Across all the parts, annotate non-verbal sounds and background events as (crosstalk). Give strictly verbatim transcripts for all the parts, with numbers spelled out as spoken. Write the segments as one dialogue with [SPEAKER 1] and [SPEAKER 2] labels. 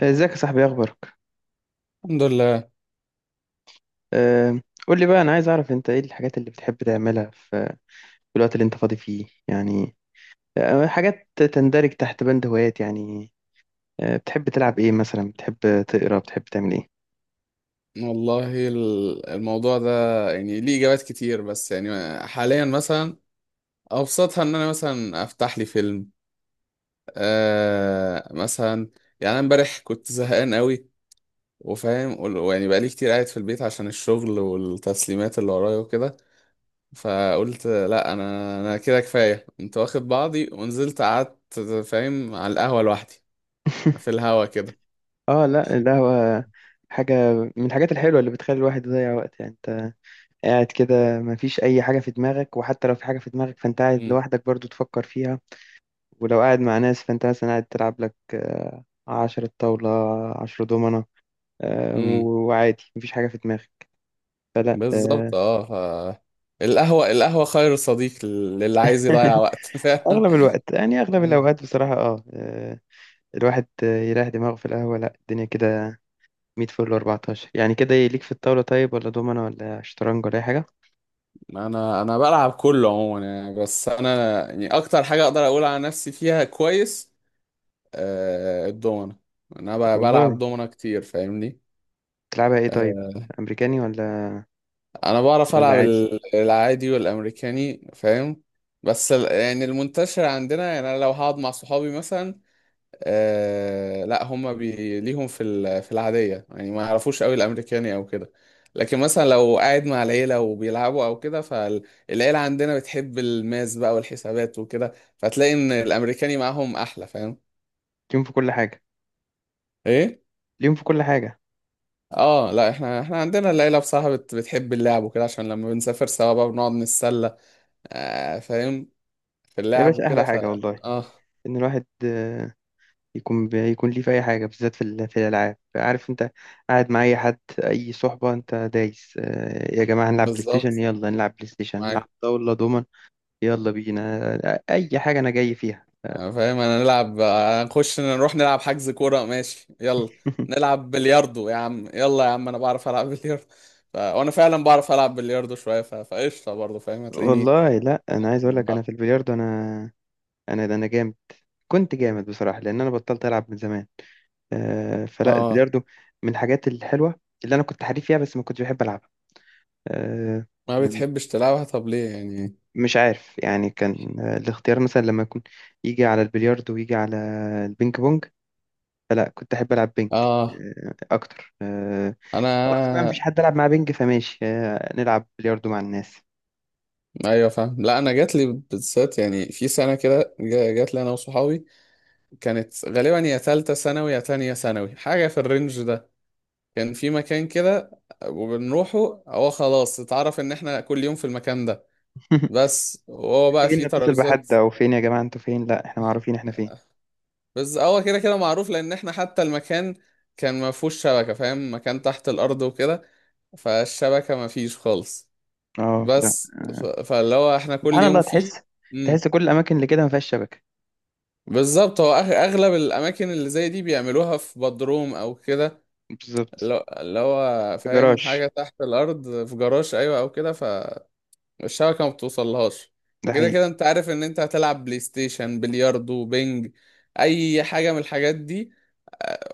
[SPEAKER 1] ازيك يا صاحبي، إيه اخبارك؟
[SPEAKER 2] الحمد لله.
[SPEAKER 1] أه، قول لي بقى، انا عايز اعرف انت ايه الحاجات اللي بتحب تعملها في في الوقت اللي انت فاضي فيه يعني. أه، حاجات تندرج تحت بند هوايات يعني. أه، بتحب تلعب ايه مثلا؟ بتحب تقرا، بتحب تعمل ايه؟
[SPEAKER 2] والله ال- الموضوع ده يعني ليه إجابات كتير، بس يعني حاليا مثلا أبسطها إن أنا مثلا أفتح لي فيلم، آه مثلا. يعني أنا إمبارح كنت زهقان قوي، وفاهم وال- ويعني بقالي كتير قاعد في البيت عشان الشغل والتسليمات اللي ورايا وكده. فقلت لا، أنا أنا كده كفاية، كنت واخد بعضي ونزلت قعدت فاهم على القهوة لوحدي في
[SPEAKER 1] (laughs)
[SPEAKER 2] الهوا كده.
[SPEAKER 1] اه لا، القهوة حاجة من الحاجات الحلوة اللي بتخلي الواحد يضيع وقت. يعني انت قاعد كده مفيش اي حاجة في دماغك، وحتى لو في حاجة في دماغك فانت قاعد لوحدك برضو تفكر فيها. ولو قاعد مع ناس فانت مثلا قاعد تلعب لك آه، عشرة طاولة، عشرة دومنة. آه،
[SPEAKER 2] مم.
[SPEAKER 1] وعادي مفيش حاجة في دماغك. فلا آه،
[SPEAKER 2] بالظبط، اه. ف... القهوة القهوة خير صديق للي عايز يضيع
[SPEAKER 1] (laughs)
[SPEAKER 2] وقت، (laughs) فعلا.
[SPEAKER 1] أغلب الوقت يعني، أغلب
[SPEAKER 2] مم.
[SPEAKER 1] الأوقات بصراحة اه آه، الواحد آه، يريح دماغه في القهوة. لا الدنيا كده مية فل اربعتاشر يعني. كده إيه، ليك في الطاولة طيب؟ ولا دومنا ولا شطرنج ولا أي حاجة؟
[SPEAKER 2] انا انا بلعب كله عموما يعني، بس انا يعني اكتر حاجة اقدر اقول على نفسي فيها كويس، آه الدومنة. انا ب- بلعب
[SPEAKER 1] والله.
[SPEAKER 2] دومنة كتير فاهمني.
[SPEAKER 1] تلعبها إيه طيب؟
[SPEAKER 2] آه
[SPEAKER 1] أمريكاني ولا
[SPEAKER 2] انا بعرف
[SPEAKER 1] ولا
[SPEAKER 2] العب
[SPEAKER 1] عادي؟
[SPEAKER 2] ال- العادي والامريكاني فاهم. بس ال- يعني المنتشر عندنا، يعني انا لو هقعد مع صحابي مثلا، آه لا هم بي... ليهم في ال... في العادية، يعني ما يعرفوش قوي الأمريكاني أو كده. لكن مثلا لو قاعد مع العيلة وبيلعبوا أو كده، فالعيلة عندنا بتحب الماس بقى والحسابات وكده، فتلاقي إن الأمريكاني معاهم أحلى فاهم.
[SPEAKER 1] اليوم في كل حاجة.
[SPEAKER 2] إيه؟
[SPEAKER 1] اليوم في كل حاجة.
[SPEAKER 2] اه لا، احنا احنا عندنا العيلة بصراحة بت... بتحب اللعب وكده، عشان لما بنسافر سوا بقى بنقعد نتسلى آه فاهم في
[SPEAKER 1] يا
[SPEAKER 2] اللعب
[SPEAKER 1] باشا أحلى
[SPEAKER 2] وكده ف
[SPEAKER 1] حاجة والله،
[SPEAKER 2] اه
[SPEAKER 1] إن الواحد آه، يكون يكون ليه في اي حاجه بالذات في ال- في الالعاب. عارف انت قاعد مع اي حد، اي صحبه، انت دايس آه، يا جماعه هنلعب بلاي ستيشن،
[SPEAKER 2] بالظبط،
[SPEAKER 1] يلا نلعب بلاي ستيشن، نلعب
[SPEAKER 2] معاك.
[SPEAKER 1] طاوله دومن. يلا بينا آه، اي حاجه انا جاي فيها آه،
[SPEAKER 2] أنا فاهم، انا نلعب، نخش نروح نلعب حجز كورة ماشي يلا.
[SPEAKER 1] (laughs)
[SPEAKER 2] نلعب بلياردو يا عم، يلا يا عم، انا بعرف العب بلياردو. ف... وانا فعلا بعرف العب بلياردو شوية، ف... فقشطة برضه فاهم هتلاقيني.
[SPEAKER 1] والله لا، انا عايز اقول لك انا
[SPEAKER 2] اه.
[SPEAKER 1] في البلياردو، انا انا ده انا جامد. كنت جامد بصراحه لان انا بطلت العب من زمان. آه، فلا
[SPEAKER 2] آه.
[SPEAKER 1] البلياردو من الحاجات الحلوه اللي انا كنت حريف فيها، بس ما كنتش بحب العبها آه،
[SPEAKER 2] ما بتحبش تلعبها، طب ليه يعني؟
[SPEAKER 1] مش عارف يعني. كان آه، الاختيار مثلا لما يكون يجي على البلياردو ويجي على البينج بونج، فلا كنت أحب ألعب بينج
[SPEAKER 2] اه،
[SPEAKER 1] آه، أكتر آه، خلاص بقى
[SPEAKER 2] انا
[SPEAKER 1] مفيش حد ألعب مع بينج، فماشي آه، نلعب بلياردو مع الناس.
[SPEAKER 2] ايوه فاهم. لا انا جات لي بالذات يعني في سنة كده، جا- جات لي انا وصحابي. كانت غالبا يا تالتة ثانوي يا تانية ثانوي، حاجة في الرينج ده. كان في مكان كده وبنروحه، هو خلاص اتعرف ان احنا كل يوم في المكان ده،
[SPEAKER 1] (laughs)
[SPEAKER 2] بس، وهو بقى فيه
[SPEAKER 1] محتاجين نتصل
[SPEAKER 2] ترابيزات.
[SPEAKER 1] بحد؟ أو فين يا جماعة أنتوا فين؟ لا إحنا معروفين إحنا فين.
[SPEAKER 2] بس هو كده كده معروف، لان احنا حتى المكان كان ما فيهوش شبكة فاهم، مكان تحت الارض وكده، فالشبكة ما فيش خالص.
[SPEAKER 1] اه لا.
[SPEAKER 2] بس ف- فاللي هو احنا كل
[SPEAKER 1] سبحان
[SPEAKER 2] يوم
[SPEAKER 1] الله،
[SPEAKER 2] فيه.
[SPEAKER 1] تحس،
[SPEAKER 2] امم
[SPEAKER 1] تحس كل الأماكن اللي كده ما فيهاش شبكة.
[SPEAKER 2] بالظبط، هو أغ- اغلب الاماكن اللي زي دي بيعملوها في بدروم او كده،
[SPEAKER 1] بالظبط.
[SPEAKER 2] اللي هو اللي هو
[SPEAKER 1] في
[SPEAKER 2] فاهم
[SPEAKER 1] جراج.
[SPEAKER 2] حاجة تحت الارض في جراج ايوه او كده ف الشبكة ما بتوصلهاش.
[SPEAKER 1] ده
[SPEAKER 2] فكده
[SPEAKER 1] حقيقي.
[SPEAKER 2] كده انت عارف ان انت هتلعب بلاي ستيشن، بلياردو، بينج، اي حاجة من الحاجات دي،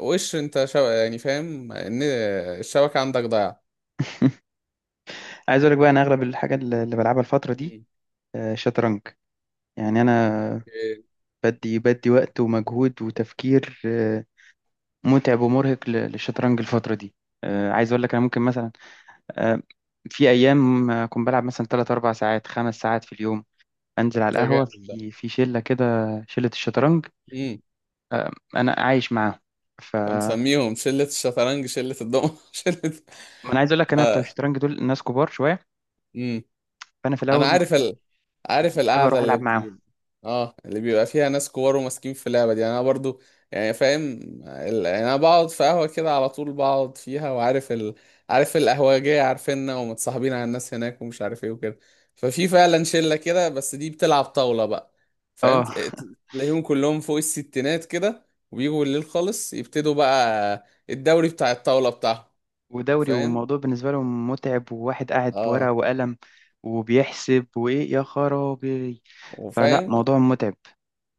[SPEAKER 2] وش انت شو... يعني فاهم ان الشبكة عندك ضايعة.
[SPEAKER 1] عايز أقول لك بقى أنا أغلب الحاجة اللي اللي بلعبها الفترة دي
[SPEAKER 2] مم.
[SPEAKER 1] آه، شطرنج. يعني أنا
[SPEAKER 2] اوكي.
[SPEAKER 1] بدي بدي وقت ومجهود وتفكير آه، متعب ومرهق ل- للشطرنج الفترة دي. آه، عايز أقول لك أنا ممكن مثلا آه، في أيام أكون بلعب مثلا ثلاث اربع ساعات خمس ساعات في اليوم. أنزل على
[SPEAKER 2] ده
[SPEAKER 1] القهوة
[SPEAKER 2] جامد ده.
[SPEAKER 1] في في شلة كده، شلة الشطرنج.
[SPEAKER 2] امم
[SPEAKER 1] آه، أنا عايش معاهم. ف ما
[SPEAKER 2] فمسميهم شلة الشطرنج، شلة الدومنة، (laughs) شلة
[SPEAKER 1] أنا عايز أقول لك أنا بتوع
[SPEAKER 2] ف...
[SPEAKER 1] الشطرنج دول ناس كبار شوية.
[SPEAKER 2] امم
[SPEAKER 1] فأنا في
[SPEAKER 2] انا
[SPEAKER 1] الأول ما
[SPEAKER 2] عارف،
[SPEAKER 1] كنتش
[SPEAKER 2] عارف
[SPEAKER 1] حابب
[SPEAKER 2] القعده
[SPEAKER 1] أروح
[SPEAKER 2] اللي
[SPEAKER 1] ألعب
[SPEAKER 2] بت...
[SPEAKER 1] معاهم.
[SPEAKER 2] اه، اللي بيبقى فيها ناس كبار وماسكين في اللعبه دي. يعني انا برضو يعني فاهم، ال- يعني انا بقعد في قهوه كده على طول بقعد فيها، وعارف ال... عارف القهوجيه عارفيننا، ومتصاحبين على الناس هناك، ومش عارف ايه وكده. ففي فعلا شله كده، بس دي بتلعب طاوله بقى، فاهم
[SPEAKER 1] أه (laughs)
[SPEAKER 2] تل- تل- تلاقيهم كلهم فوق الستينات كده. وبيجوا بالليل خالص، يبتدوا بقى الدوري بتاع الطاوله بتاعهم
[SPEAKER 1] ودوري،
[SPEAKER 2] فاهم.
[SPEAKER 1] والموضوع بالنسبة لهم متعب، وواحد قاعد
[SPEAKER 2] اه
[SPEAKER 1] بورقة وقلم وبيحسب وإيه يا خرابي. فلا
[SPEAKER 2] وفاهم.
[SPEAKER 1] موضوع متعب.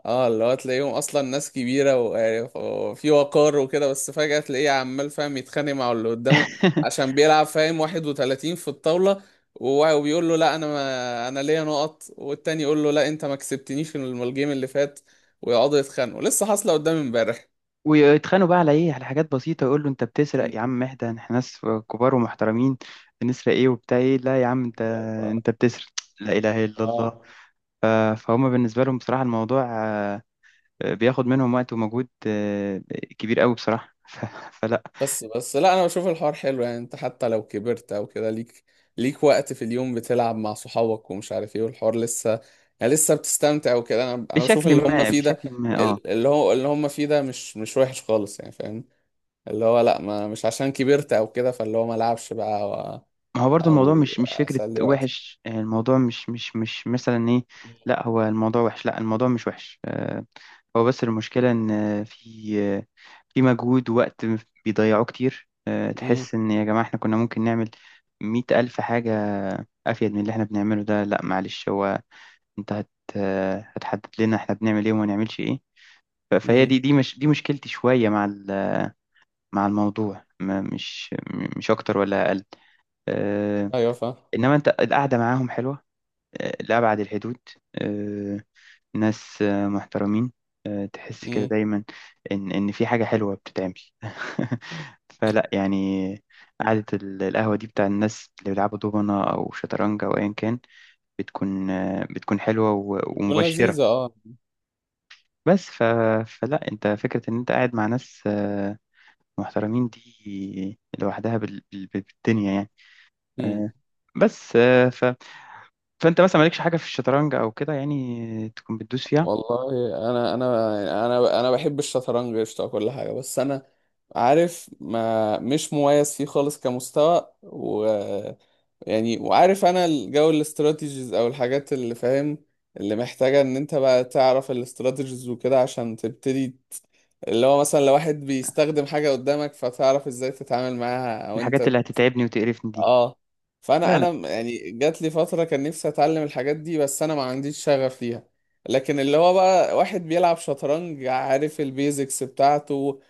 [SPEAKER 2] اه اللي هو تلاقيهم اصلا ناس كبيره، و- وفي وقار وكده، بس فجاه تلاقيه عمال فاهم يتخانق مع اللي قدامه
[SPEAKER 1] (laughs)
[SPEAKER 2] عشان بيلعب فاهم واحد وثلاثين في الطاوله. و- وبيقول له لا انا، ما انا ليا نقط، والتاني يقول له لا انت ما كسبتنيش في الم- الجيم اللي فات، ويقعدوا يتخانقوا. لسه حاصله قدامي امبارح.
[SPEAKER 1] ويتخانقوا بقى على ايه، على حاجات بسيطه. يقول له انت بتسرق يا
[SPEAKER 2] مم.
[SPEAKER 1] عم، اهدى احنا ناس كبار ومحترمين. بنسرق ايه وبتاع ايه؟ لا يا عم انت،
[SPEAKER 2] ف- ف-
[SPEAKER 1] انت بتسرق. لا اله الا
[SPEAKER 2] اه
[SPEAKER 1] الله. ف- فهم بالنسبه لهم بصراحه الموضوع آه، بياخد منهم وقت ومجهود آه، كبير قوي بصراحه. (laughs) ف- فلا
[SPEAKER 2] بس بس، لا انا بشوف الحوار حلو يعني. انت حتى لو كبرت او كده ليك ليك وقت في اليوم بتلعب مع صحابك ومش عارف ايه، والحوار لسه يعني لسه بتستمتع وكده. انا انا بشوف
[SPEAKER 1] بشكل
[SPEAKER 2] اللي هم
[SPEAKER 1] ما،
[SPEAKER 2] فيه ده،
[SPEAKER 1] بشكل ما، اه.
[SPEAKER 2] ال- اللي هو اللي هم فيه ده مش مش وحش خالص يعني فاهم. اللي هو لا، ما مش عشان كبرت او كده فاللي هو ما العبش بقى، او
[SPEAKER 1] ما هو برضو الموضوع
[SPEAKER 2] أو
[SPEAKER 1] مش، مش فكرة
[SPEAKER 2] اسلي وقت.
[SPEAKER 1] وحش. آه، الموضوع مش، مش، مش مثلا ايه. لا هو الموضوع وحش، لا الموضوع مش وحش آه، هو بس المشكلة إن في في مجهود ووقت بيضيعوه كتير. آه،
[SPEAKER 2] امم
[SPEAKER 1] تحس إن يا جماعة إحنا كنا ممكن نعمل مية ألف حاجة أفيد من اللي إحنا بنعمله ده. لأ معلش، هو أنت هت آه، هتحدد لنا إحنا بنعمل إيه وما نعملش إيه. ف- فهي
[SPEAKER 2] امم
[SPEAKER 1] دي دي مش دي مشكلتي شوية مع ال- مع الموضوع. ما مش م- مش أكتر ولا أقل آه،
[SPEAKER 2] ايوه فاهم
[SPEAKER 1] إنما أنت القعدة معاهم حلوة آه، لأبعد الحدود. آه، ناس آه، محترمين آه، تحس كده
[SPEAKER 2] امم
[SPEAKER 1] دايما إن إن في حاجة حلوة بتتعمل. (laughs) فلا يعني قعدة ال- القهوة دي بتاع الناس اللي بيلعبوا دومنة أو شطرنج أو أيا كان، بتكون آه، بتكون حلوة و-
[SPEAKER 2] بتكون
[SPEAKER 1] ومبشرة.
[SPEAKER 2] لذيذة اه.
[SPEAKER 1] بس ف... فلا أنت فكرة إن أنت قاعد مع ناس آه، محترمين دي لوحدها بال... بال... بالدنيا يعني آه، بس آه، ف... فأنت مثلا مالكش حاجة في الشطرنج أو كده يعني تكون بتدوس فيها.
[SPEAKER 2] والله انا انا انا انا بحب الشطرنج قشطه وكل حاجه، بس انا عارف، ما مش مميز فيه خالص كمستوى، و يعني وعارف انا الجو الاستراتيجيز او الحاجات اللي فاهم، اللي محتاجه ان انت بقى تعرف الاستراتيجيز وكده عشان تبتدي ت- اللي هو مثلا لو واحد بيستخدم حاجه قدامك فتعرف ازاي تتعامل معاها، او
[SPEAKER 1] الحاجات اللي
[SPEAKER 2] انت
[SPEAKER 1] هتتعبني وتقرفني دي.
[SPEAKER 2] اه. فانا
[SPEAKER 1] لا
[SPEAKER 2] انا يعني جات لي فتره كان نفسي اتعلم الحاجات دي، بس انا ما عنديش شغف ليها. لكن اللي هو بقى واحد بيلعب شطرنج عارف البيزكس بتاعته،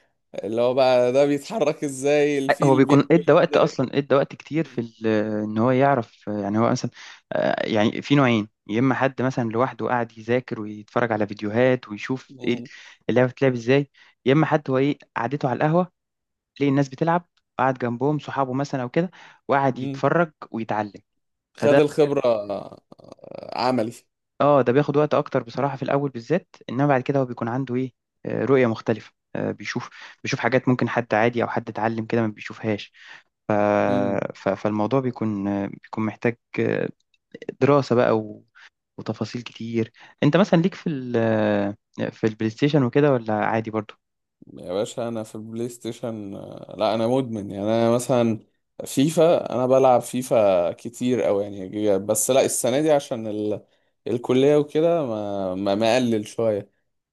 [SPEAKER 2] اللي هو بقى ده بيتحرك ازاي،
[SPEAKER 1] هو
[SPEAKER 2] الفيل
[SPEAKER 1] بيكون
[SPEAKER 2] بياكل
[SPEAKER 1] ادى وقت
[SPEAKER 2] ازاي.
[SPEAKER 1] اصلا، ادى وقت كتير
[SPEAKER 2] (laughs)
[SPEAKER 1] في ال- ان هو يعرف. يعني هو مثلا آه، يعني في نوعين: يا اما حد مثلا لوحده قاعد يذاكر ويتفرج على فيديوهات ويشوف
[SPEAKER 2] م-
[SPEAKER 1] ايه
[SPEAKER 2] م-
[SPEAKER 1] اللعبه بتتلعب ازاي، يا اما حد هو ايه قعدته على القهوه، ليه الناس بتلعب، قعد جنبهم صحابه مثلا او كده وقعد
[SPEAKER 2] م.
[SPEAKER 1] يتفرج ويتعلم.
[SPEAKER 2] خد
[SPEAKER 1] فده،
[SPEAKER 2] الخبره آه، عملي
[SPEAKER 1] اه ده بياخد وقت اكتر بصراحه في الاول بالذات. انما بعد كده هو بيكون عنده ايه آه، رؤيه مختلفه. آه، بيشوف بيشوف حاجات ممكن حد عادي او حد اتعلم كده ما بيشوفهاش. ف...
[SPEAKER 2] م-
[SPEAKER 1] ف... فالموضوع بيكون، بيكون محتاج دراسة بقى و... وتفاصيل كتير. انت مثلا ليك في ال... في البلاي ستيشن وكده، ولا عادي برضو؟
[SPEAKER 2] يا باشا انا في البلاي ستيشن، آه، لا انا مدمن يعني. انا مثلا فيفا، انا بلعب فيفا كتير قوي يعني، بس لا السنه دي عشان ال... الكليه وكده ما ما مقلل شويه.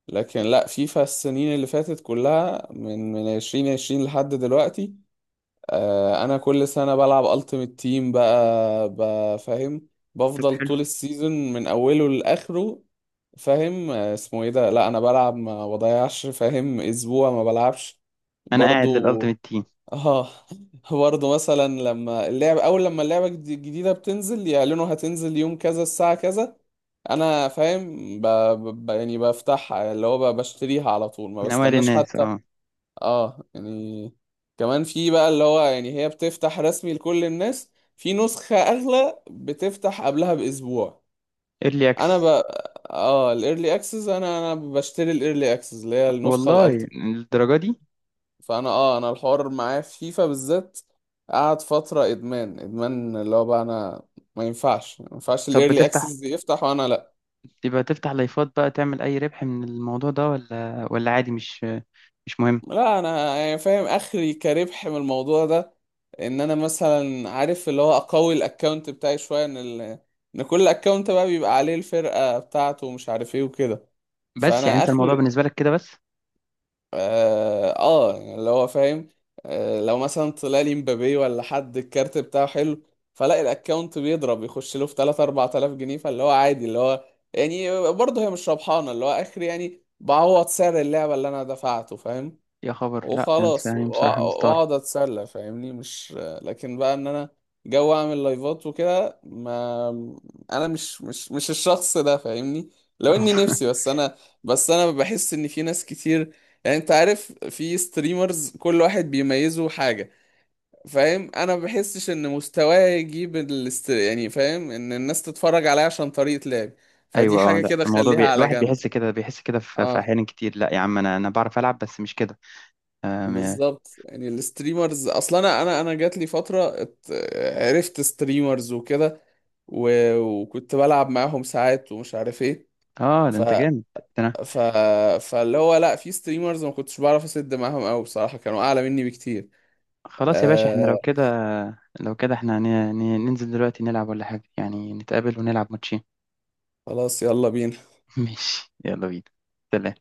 [SPEAKER 2] لكن لا فيفا، السنين اللي فاتت كلها من من ألفين وعشرين لحد دلوقتي، آه، انا كل سنه بلعب التيمت تيم بقى بقى فاهم.
[SPEAKER 1] طب
[SPEAKER 2] بفضل
[SPEAKER 1] حلو.
[SPEAKER 2] طول السيزون من اوله لاخره فاهم. آه، اسمه ايه ده، لا انا بلعب ما بضيعش فاهم اسبوع ما بلعبش
[SPEAKER 1] انا قاعد
[SPEAKER 2] برضو.
[SPEAKER 1] للالتيميت تيم.
[SPEAKER 2] اه. (laughs) برضو مثلا لما اللعب اول لما اللعبه الجدي- الجديده بتنزل يعلنوا هتنزل يوم كذا الساعه كذا، انا فاهم ب... ب... يعني بفتحها اللي هو ب- بشتريها على طول، ما
[SPEAKER 1] من اوائل
[SPEAKER 2] بستناش
[SPEAKER 1] الناس،
[SPEAKER 2] حتى.
[SPEAKER 1] اه.
[SPEAKER 2] اه يعني كمان في بقى اللي هو يعني هي بتفتح رسمي لكل الناس، في نسخة اغلى بتفتح قبلها باسبوع.
[SPEAKER 1] ايرلي
[SPEAKER 2] انا ب...
[SPEAKER 1] اكسس.
[SPEAKER 2] اه الايرلي اكسس، انا انا بشتري الايرلي اكسس اللي هي النسخة
[SPEAKER 1] والله،
[SPEAKER 2] الالتيميت.
[SPEAKER 1] للدرجة دي؟
[SPEAKER 2] فانا اه انا الحوار معايا في فيفا بالذات قعد فترة ادمان ادمان. اللي هو بقى انا، ما ينفعش ما ينفعش
[SPEAKER 1] طب
[SPEAKER 2] الايرلي
[SPEAKER 1] بتفتح،
[SPEAKER 2] اكسس يفتح وانا لا.
[SPEAKER 1] يبقى تفتح لايفات بقى، تعمل اي ربح من الموضوع ده ولا ولا عادي، مش مش مهم؟
[SPEAKER 2] لا انا يعني فاهم اخري كربح من الموضوع ده، ان انا مثلا عارف اللي هو اقوي الاكونت بتاعي شويه، ان ال... ان كل اكونت بقى بيبقى عليه الفرقه بتاعته ومش عارف ايه وكده.
[SPEAKER 1] بس يعني
[SPEAKER 2] فانا
[SPEAKER 1] انت الموضوع
[SPEAKER 2] اخر
[SPEAKER 1] بالنسبة لك كده بس.
[SPEAKER 2] اه, آه يعني اللي هو فاهم. آه لو مثلا طلع لي مبابي، ولا حد الكارت بتاعه حلو، فلاقي الاكونت بيضرب يخش له في ثلاثة أربعة آلاف جنيه، فاللي هو عادي. اللي هو يعني برضه هي مش ربحانه اللي هو اخري، يعني بعوض سعر اللعبه اللي انا دفعته فاهم.
[SPEAKER 1] يا خبر، لا انا بس-
[SPEAKER 2] وخلاص وأ-
[SPEAKER 1] يعني بصراحة مستغرب.
[SPEAKER 2] واقعد اتسلى فاهمني مش. لكن بقى ان انا جو اعمل لايفات وكده، ما انا مش مش مش الشخص ده فاهمني، لو اني
[SPEAKER 1] (laughs)
[SPEAKER 2] نفسي بس انا بس انا بحس ان في ناس كتير، يعني انت عارف في ستريمرز كل واحد بيميزه حاجة فاهم، انا ما بحسش ان مستواه يجيب الاست... يعني فاهم ان الناس تتفرج عليا عشان طريقة لعبي، فدي
[SPEAKER 1] ايوه اه،
[SPEAKER 2] حاجة
[SPEAKER 1] لا
[SPEAKER 2] كده
[SPEAKER 1] الموضوع بي...
[SPEAKER 2] خليها على
[SPEAKER 1] الواحد
[SPEAKER 2] جنب.
[SPEAKER 1] بيحس كده، بيحس كده في... في
[SPEAKER 2] اه
[SPEAKER 1] احيان كتير لا يا عم، انا انا بعرف العب بس مش كده. آم،
[SPEAKER 2] بالظبط يعني، الستريمرز اصلا انا انا انا جات لي فتره ات- عرفت ستريمرز وكده، و- وكنت بلعب معاهم ساعات ومش عارف ايه.
[SPEAKER 1] اه ده
[SPEAKER 2] ف
[SPEAKER 1] انت جامد ده انا.
[SPEAKER 2] ف فاللي هو لا في ستريمرز ما كنتش بعرف اسد معاهم قوي بصراحه، كانوا اعلى مني بكتير.
[SPEAKER 1] خلاص يا باشا، احنا لو
[SPEAKER 2] آه
[SPEAKER 1] كده، لو كده احنا هن... هن- ننزل دلوقتي نلعب ولا حاجه، يعني نتقابل ونلعب ماتشين.
[SPEAKER 2] خلاص يلا بينا.
[SPEAKER 1] (laughs) ماشي يلا بينا. سلام.